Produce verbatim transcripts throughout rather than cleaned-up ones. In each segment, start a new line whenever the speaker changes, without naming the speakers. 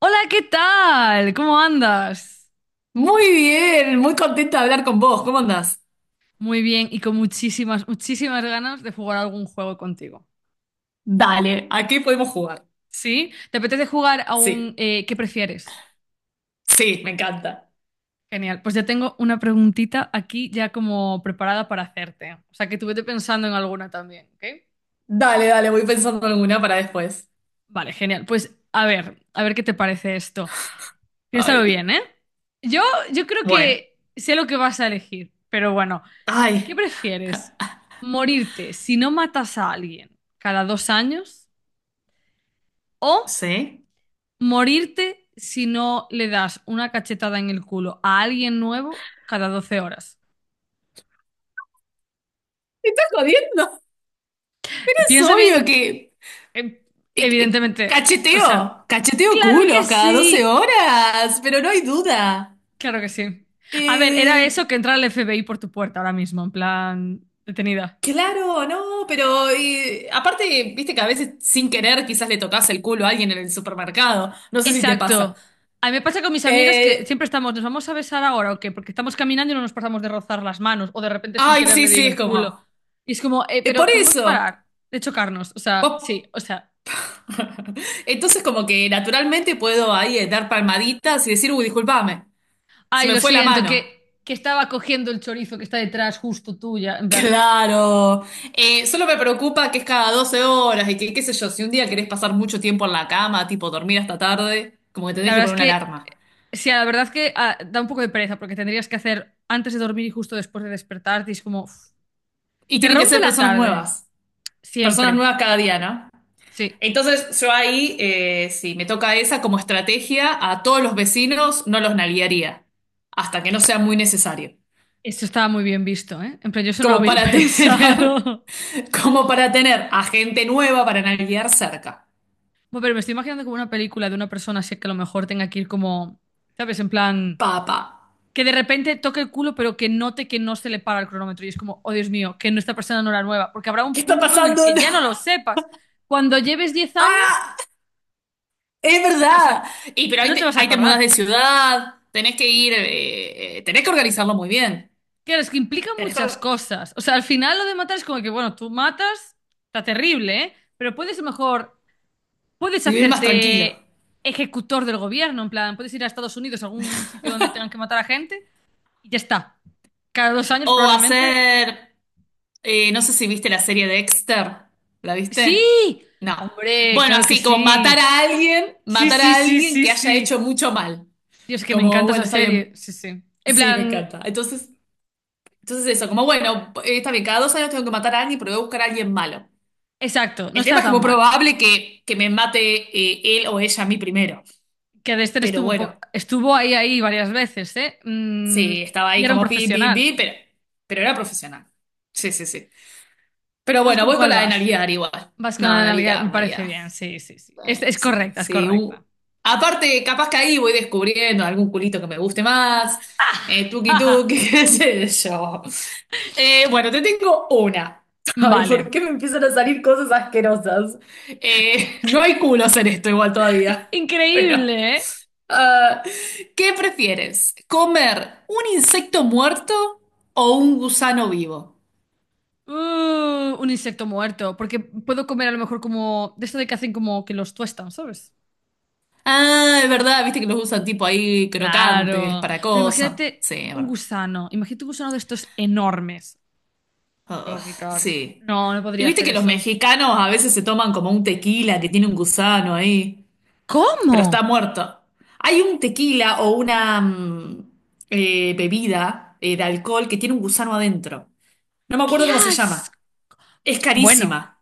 Hola, ¿qué tal? ¿Cómo andas?
Muy bien, muy contenta de hablar con vos. ¿Cómo andás?
Muy bien y con muchísimas, muchísimas ganas de jugar a algún juego contigo.
Dale, aquí podemos jugar.
¿Sí? ¿Te apetece jugar a un
Sí,
eh, ¿qué prefieres?
sí, me encanta.
Genial. Pues ya tengo una preguntita aquí ya como preparada para hacerte. O sea, que tú vete pensando en alguna también, ¿ok?
Dale, dale, voy pensando en alguna para después.
Vale, genial. Pues a ver, a ver qué te parece esto. Piénsalo
Ay,
bien, ¿eh? Yo, yo creo
bueno,
que sé lo que vas a elegir, pero bueno, ¿qué
ay,
prefieres? ¿Morirte si no matas a alguien cada dos años? O
¿sí?
morirte si no le das una cachetada en el culo a alguien nuevo cada doce horas.
¿Me estás jodiendo? Pero es
Piensa bien,
obvio que...
eh,
eh, eh,
evidentemente. O sea,
cacheteo, cacheteo
claro que
culos cada doce
sí.
horas, pero no hay duda.
Claro que sí. A ver, era
Eh,
eso que entra el F B I por tu puerta ahora mismo, en plan detenida.
claro, no, pero eh, aparte, viste que a veces sin querer quizás le tocas el culo a alguien en el supermercado. No sé si te pasa.
Exacto. A mí me pasa con mis amigas que
Eh,
siempre estamos, ¿nos vamos a besar ahora o qué? Porque estamos caminando y no nos pasamos de rozar las manos o de repente sin
ay,
querer le
sí,
doy en
sí, es
el culo.
como.
Y es como, eh,
Eh, por
pero podemos
eso.
parar de chocarnos. O sea,
Vos-
sí, o sea,
Entonces, como que naturalmente puedo ahí eh, dar palmaditas y decir, uy, discúlpame, se
ay,
me
lo
fue la
siento, que,
mano.
que estaba cogiendo el chorizo que está detrás justo tuya. En plan,
Claro. Eh, solo me preocupa que es cada doce horas y que, qué sé yo, si un día querés pasar mucho tiempo en la cama, tipo dormir hasta tarde, como que
la
tenés que
verdad es
poner una
que,
alarma.
sí, la verdad es que ah, da un poco de pereza porque tendrías que hacer antes de dormir y justo después de despertarte y es como, uf,
Y
te
tienen que
rompe
ser
la
personas
tarde,
nuevas. Personas
siempre.
nuevas cada día, ¿no?
Sí,
Entonces yo ahí, eh, si me toca esa como estrategia, a todos los vecinos no los nalguearía, hasta que no sea muy necesario.
esto estaba muy bien visto, ¿eh? En plan, yo eso no lo
Como
había
para tener,
pensado.
como para tener a gente nueva para nalguear cerca.
Bueno, pero me estoy imaginando como una película de una persona así que a lo mejor tenga que ir como, ¿sabes? En plan...
Papá,
que de repente toque el culo, pero que note que no se le para el cronómetro. Y es como, oh Dios mío, que no está pasando una hora nueva. Porque habrá
¿qué
un
está
punto en el
pasando?
que ya no lo sepas. Cuando lleves diez años,
¡Ah! ¡Es
no te vas
verdad!
a,
Y pero ahí
no te
te,
vas a
ahí te mudás de
acordar.
ciudad, tenés que ir, eh, eh, tenés que organizarlo muy bien,
Claro, es que implica
tenés que
muchas
or-
cosas. O sea, al final lo de matar es como que, bueno, tú matas, está terrible, ¿eh? Pero puedes a lo mejor, puedes
vivir más tranquilo.
hacerte ejecutor del gobierno, en plan, puedes ir a Estados Unidos, a algún sitio donde tengan que matar a gente, y ya está. Cada dos años
O
probablemente.
hacer... Eh, no sé si viste la serie de Dexter. ¿La viste?
¡Sí!
No.
Hombre,
Bueno,
claro que
así como matar
sí.
a alguien,
Sí,
matar
sí,
a
sí,
alguien
sí,
que haya
sí.
hecho mucho mal.
Dios, que me
Como,
encanta
bueno,
esa
está
serie.
bien.
Sí, sí. En
Sí, me
plan,
encanta. Entonces, entonces eso, como, bueno, eh, está bien, cada dos años tengo que matar a alguien, pero voy a buscar a alguien malo.
exacto, no
El tema
está
es que
tan
muy
mal.
probable que, que me mate eh, él o ella a mí primero.
Que Dexter
Pero
estuvo, po-
bueno,
estuvo ahí, ahí varias veces, ¿eh? Mm,
sí, estaba
y
ahí
era un
como pi, pi,
profesional.
pi, pero, pero era profesional. Sí, sí, sí. Pero
Entonces,
bueno,
¿con
voy con
cuál
la de
vas?
Navidad igual.
Vas con la
No,
de nalguear. Me
Navidad,
parece
Navidad.
bien, sí, sí, sí. Es,
Eh,
es
sí,
correcta, es
sí. u-
correcta.
Aparte, capaz que ahí voy descubriendo algún culito que me guste más. Eh, tuki tuki, qué sé yo. Eh, bueno, te tengo una. Ay, ¿por
Vale.
qué me empiezan a salir cosas asquerosas? Eh, no hay culos en esto igual todavía. Pero,
Increíble, ¿eh?
ah, ¿qué prefieres? ¿Comer un insecto muerto o un gusano vivo?
Uh, un insecto muerto. Porque puedo comer a lo mejor como... De esto de que hacen como que los tuestan, ¿sabes?
Ah, es verdad, viste que los usan tipo ahí crocantes
Claro,
para
pero
cosas.
imagínate
Sí,
un
bueno.
gusano, imagínate un gusano de estos enormes. Voy a
Ugh,
vomitar.
sí.
No, no
Y
podría
viste
hacer
que los
eso.
mexicanos a veces se toman como un tequila que tiene un gusano ahí, pero está
¿Cómo?
muerto. Hay un tequila o una mm, eh, bebida eh, de alcohol que tiene un gusano adentro. No me
¡Qué
acuerdo cómo se llama.
asco!
Es
Bueno,
carísima,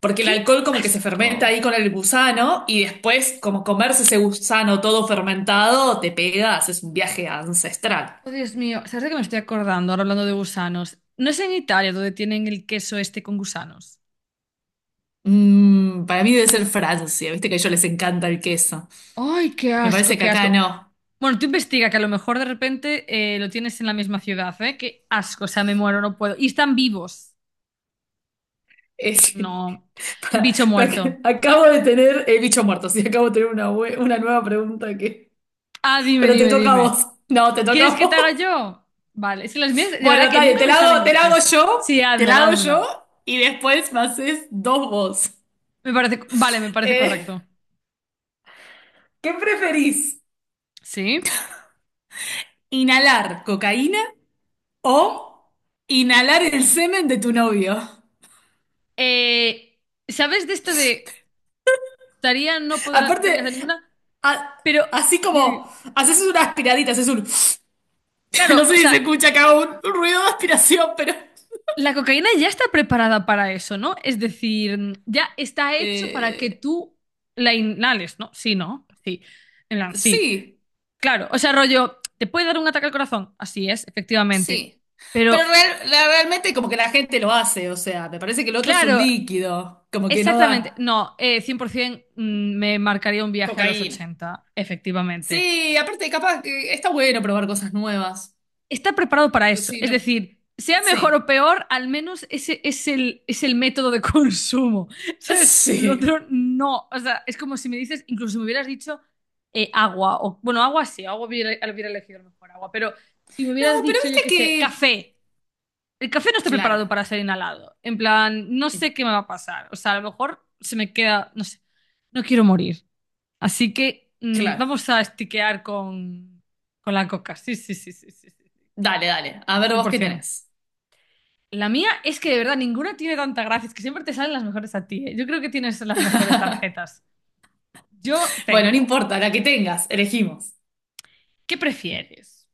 porque el
qué
alcohol como que se fermenta ahí
asco.
con el gusano y después como comerse ese gusano todo fermentado, te pegas, es un viaje ancestral.
Oh, Dios mío, ¿sabes de qué me estoy acordando ahora hablando de gusanos? No es en Italia donde tienen el queso este con gusanos.
Mm, para mí debe ser Francia, viste que a ellos les encanta el queso.
Ay, qué
Me
asco,
parece que
qué
acá
asco.
no.
Bueno, tú investiga que a lo mejor de repente eh, lo tienes en la misma ciudad, ¿eh? Qué asco, o sea, me muero, no puedo. Y están vivos.
Es-
No,
pa-
bicho
pa-
muerto.
acabo de tener el bicho muerto, sí, acabo de tener una, bue- una nueva pregunta que...
Ah, dime,
Pero te
dime,
toca a
dime.
vos. No, te toca
¿Quieres
a
que te
vos.
haga yo? Vale, es que las mías de
Bueno,
verdad que
está bien,
nunca
te
me
la
salen
hago, te la hago
graciosas.
yo,
Sí,
te la
házmela,
hago
házmela.
yo y después me haces dos vos.
Me parece, vale, me parece
Eh,
correcto.
¿Qué preferís?
Sí.
¿Inhalar cocaína o inhalar el semen de tu novio?
Eh, ¿sabes de esto de estaría no poder tener
Aparte,
que hacer ninguna?
a-
Pero,
así como
Lili,
haces una aspiradita, haces un... No
claro,
sé
o
si se
sea,
escucha acá un un ruido de aspiración, pero...
la cocaína ya está preparada para eso, ¿no? Es decir, ya está hecho para que
Eh,
tú la inhales, ¿no? Sí, ¿no? Sí. En plan, sí.
sí,
Claro, o sea, rollo, ¿te puede dar un ataque al corazón? Así es, efectivamente.
sí. Pero
Pero
real- la- realmente como que la gente lo hace, o sea, me parece que el otro es un
claro,
líquido, como que no da
exactamente. No, eh, cien por ciento mm, me marcaría un viaje a los
cocaína.
ochenta, efectivamente.
Sí, aparte capaz que está bueno probar cosas nuevas.
Está preparado para eso.
Sí,
Es
no,
decir, sea mejor
sí.
o peor, al menos ese es el, es el método de consumo. ¿Sabes? Lo
Sí.
otro no. O sea, es como si me dices, incluso si me hubieras dicho eh, agua, o bueno, agua sí, agua hubiera, hubiera elegido a lo mejor agua, pero si me
No,
hubieras
pero
dicho, yo
viste
qué sé,
que...
café. El café no está
Claro,
preparado para ser inhalado. En plan, no sé qué me va a pasar. O sea, a lo mejor se me queda, no sé, no quiero morir. Así que mm,
claro.
vamos a estiquear con, con la coca. Sí, sí, sí, sí, sí, sí,
Dale, dale. A ver vos qué
cien por ciento.
tenés.
La mía es que de verdad ninguna tiene tanta gracia, es que siempre te salen las mejores a ti, ¿eh? Yo creo que tienes las mejores tarjetas. Yo
Bueno, no
tengo.
importa, la que tengas, elegimos.
¿Qué prefieres?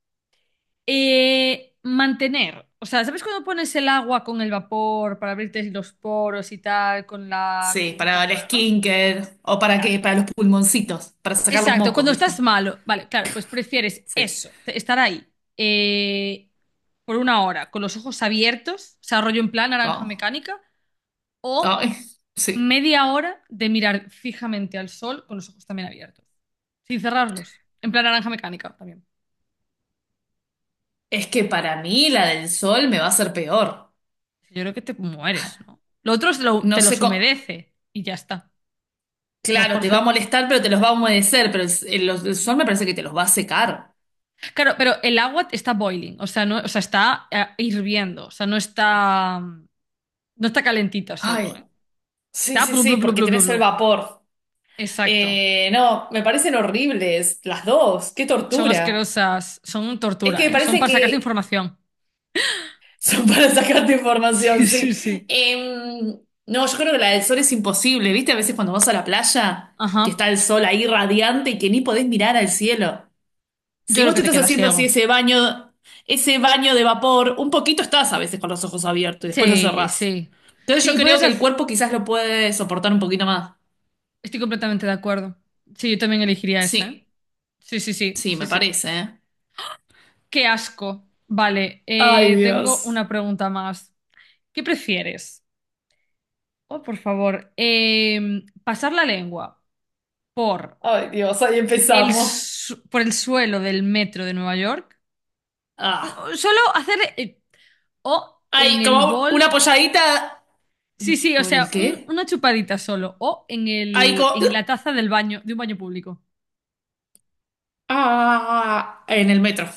Eh, mantener, o sea, ¿sabes cuando pones el agua con el vapor para abrirte los poros y tal con la
Sí,
con un
para el
cazuelo, ¿no?
skincare o para qué,
Claro.
para los pulmoncitos, para sacar los
Exacto,
mocos,
cuando estás
¿viste?
malo, vale, claro, pues prefieres
Sí.
eso, te- estar ahí eh, por una hora con los ojos abiertos, o sea, rollo en plan naranja
Wow.
mecánica, o
Ay, sí.
media hora de mirar fijamente al sol con los ojos también abiertos, sin cerrarlos, en plan naranja mecánica también.
Es que para mí la del sol me va a hacer peor.
Yo creo que te mueres, ¿no? Lo otro es lo-
No
te
sé
los
cómo.
humedece y ya está. A lo
Claro,
mejor
te va a
se-
molestar, pero te los va a humedecer. Pero el, el- los- el sol me parece que te los va a secar.
claro, pero el agua está boiling, o sea, no, o sea, está eh, hirviendo, o sea, no está, no está calentita solo,
Ay,
¿eh?
sí,
Está
sí,
blu, blu,
sí,
blu,
porque
blu, blu,
tenés el
blu.
vapor.
Exacto.
Eh, no, me parecen horribles las dos. Qué
Son
tortura.
asquerosas. Son
Es
tortura,
que me
¿eh? Son
parece
para sacarte
que
información.
son para sacarte información,
Sí, sí,
sí.
sí.
Em, no, yo creo que la del sol es imposible. ¿Viste? A veces cuando vas a la playa, que
Ajá.
está el sol ahí radiante y que ni podés mirar al cielo.
Yo
Si
creo
vos
que
te
te
estás
quedas
haciendo así
ciego.
ese baño, ese baño de vapor, un poquito estás a veces con los ojos abiertos y después lo
Sí,
cerrás.
sí.
Entonces
Sí,
yo
y
creo
puedes
que el
hacer...
cuerpo quizás lo puede soportar un poquito más.
Estoy completamente de acuerdo. Sí, yo también elegiría esa, ¿eh?
Sí,
Sí, sí, sí,
sí,
sí,
me
sí.
parece, ¿eh?
Qué asco. Vale,
Ay,
eh, tengo
Dios.
una pregunta más. ¿Qué prefieres? Oh, por favor. Em, pasar la lengua por
Ay, Dios, ahí
el,
empezamos.
su- por el suelo del metro de Nueva York.
Ah.
No, solo hacer eh, o en
Hay
el
como una
bol.
polladita.
Sí, sí, o
¿O en el
sea, un-
qué?
una chupadita solo. O en
Ahí
el,
como.
en la taza del baño, de un baño público.
Ah, en el metro.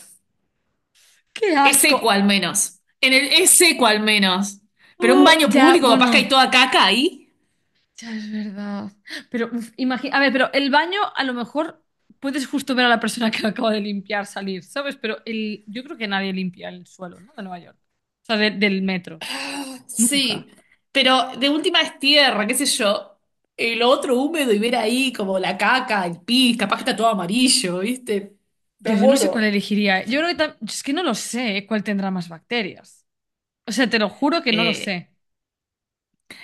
¡Qué
Es
asco!
seco al menos. En el, es seco al menos. Pero un
Oh,
baño
ya,
público, capaz que
bueno,
hay toda caca ahí.
ya es verdad. Pero imagina, a ver, pero el baño a lo mejor puedes justo ver a la persona que lo acaba de limpiar salir, ¿sabes? Pero el, yo creo que nadie limpia el suelo, ¿no? De Nueva York. O sea, de- del metro. Nunca.
Sí, pero de última es tierra, qué sé yo. El otro húmedo y ver ahí como la caca, el pis, capaz que está todo amarillo, ¿viste?
Yo,
Te
yo no sé cuál
muero.
elegiría. Yo creo que tam- es que no lo sé, ¿eh? Cuál tendrá más bacterias. O sea, te lo juro que no lo
Eh,
sé.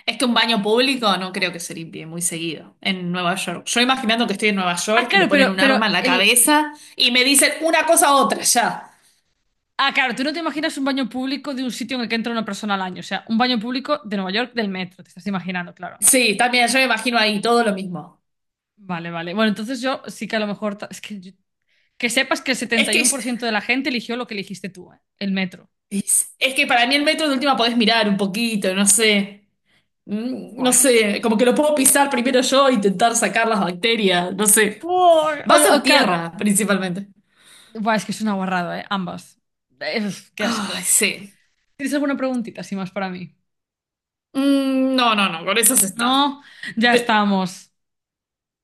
es que un baño público no creo que se limpie muy seguido en Nueva York. Yo imaginando que estoy en Nueva
Ah,
York y me
claro,
ponen
pero,
un
pero
arma en la
el.
cabeza y me dicen una cosa a otra ya.
Ah, claro, tú no te imaginas un baño público de un sitio en el que entra una persona al año. O sea, un baño público de Nueva York del metro, te estás imaginando, claro.
Sí, también yo me imagino ahí todo lo mismo.
Vale, vale. Bueno, entonces yo sí que a lo mejor. ta- Es que, yo- que sepas que el
Es
setenta y
que
uno
es,
por ciento de la gente eligió lo que eligiste tú, ¿eh? El metro.
es que para mí el metro de última podés mirar un poquito, no sé. Mm, no
Buah.
sé, como que lo puedo pisar primero yo e intentar sacar las bacterias, no sé.
Buah.
Va
O-
a ser
o, claro.
tierra, principalmente.
Buah, es que es una guarrada, ¿eh? Ambas. Eh, qué
Ay,
asco.
sí.
¿Tienes alguna preguntita así más para mí?
Mm, no, no, no, con eso se está.
No, ya
Pe-
estamos.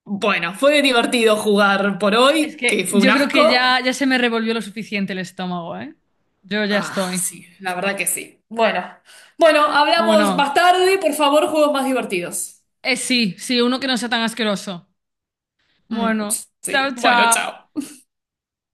bueno, fue divertido jugar por
Es
hoy,
que
que fue un
yo creo que
asco.
ya, ya se me revolvió lo suficiente el estómago, ¿eh? Yo ya
Ah,
estoy.
sí, la verdad que sí. Bueno, bueno,
Jo,
hablamos más
bueno,
tarde, por favor, juegos más divertidos.
eh, sí, sí, uno que no sea tan asqueroso.
Mm,
Bueno,
sí,
chao,
bueno,
chao.
chao.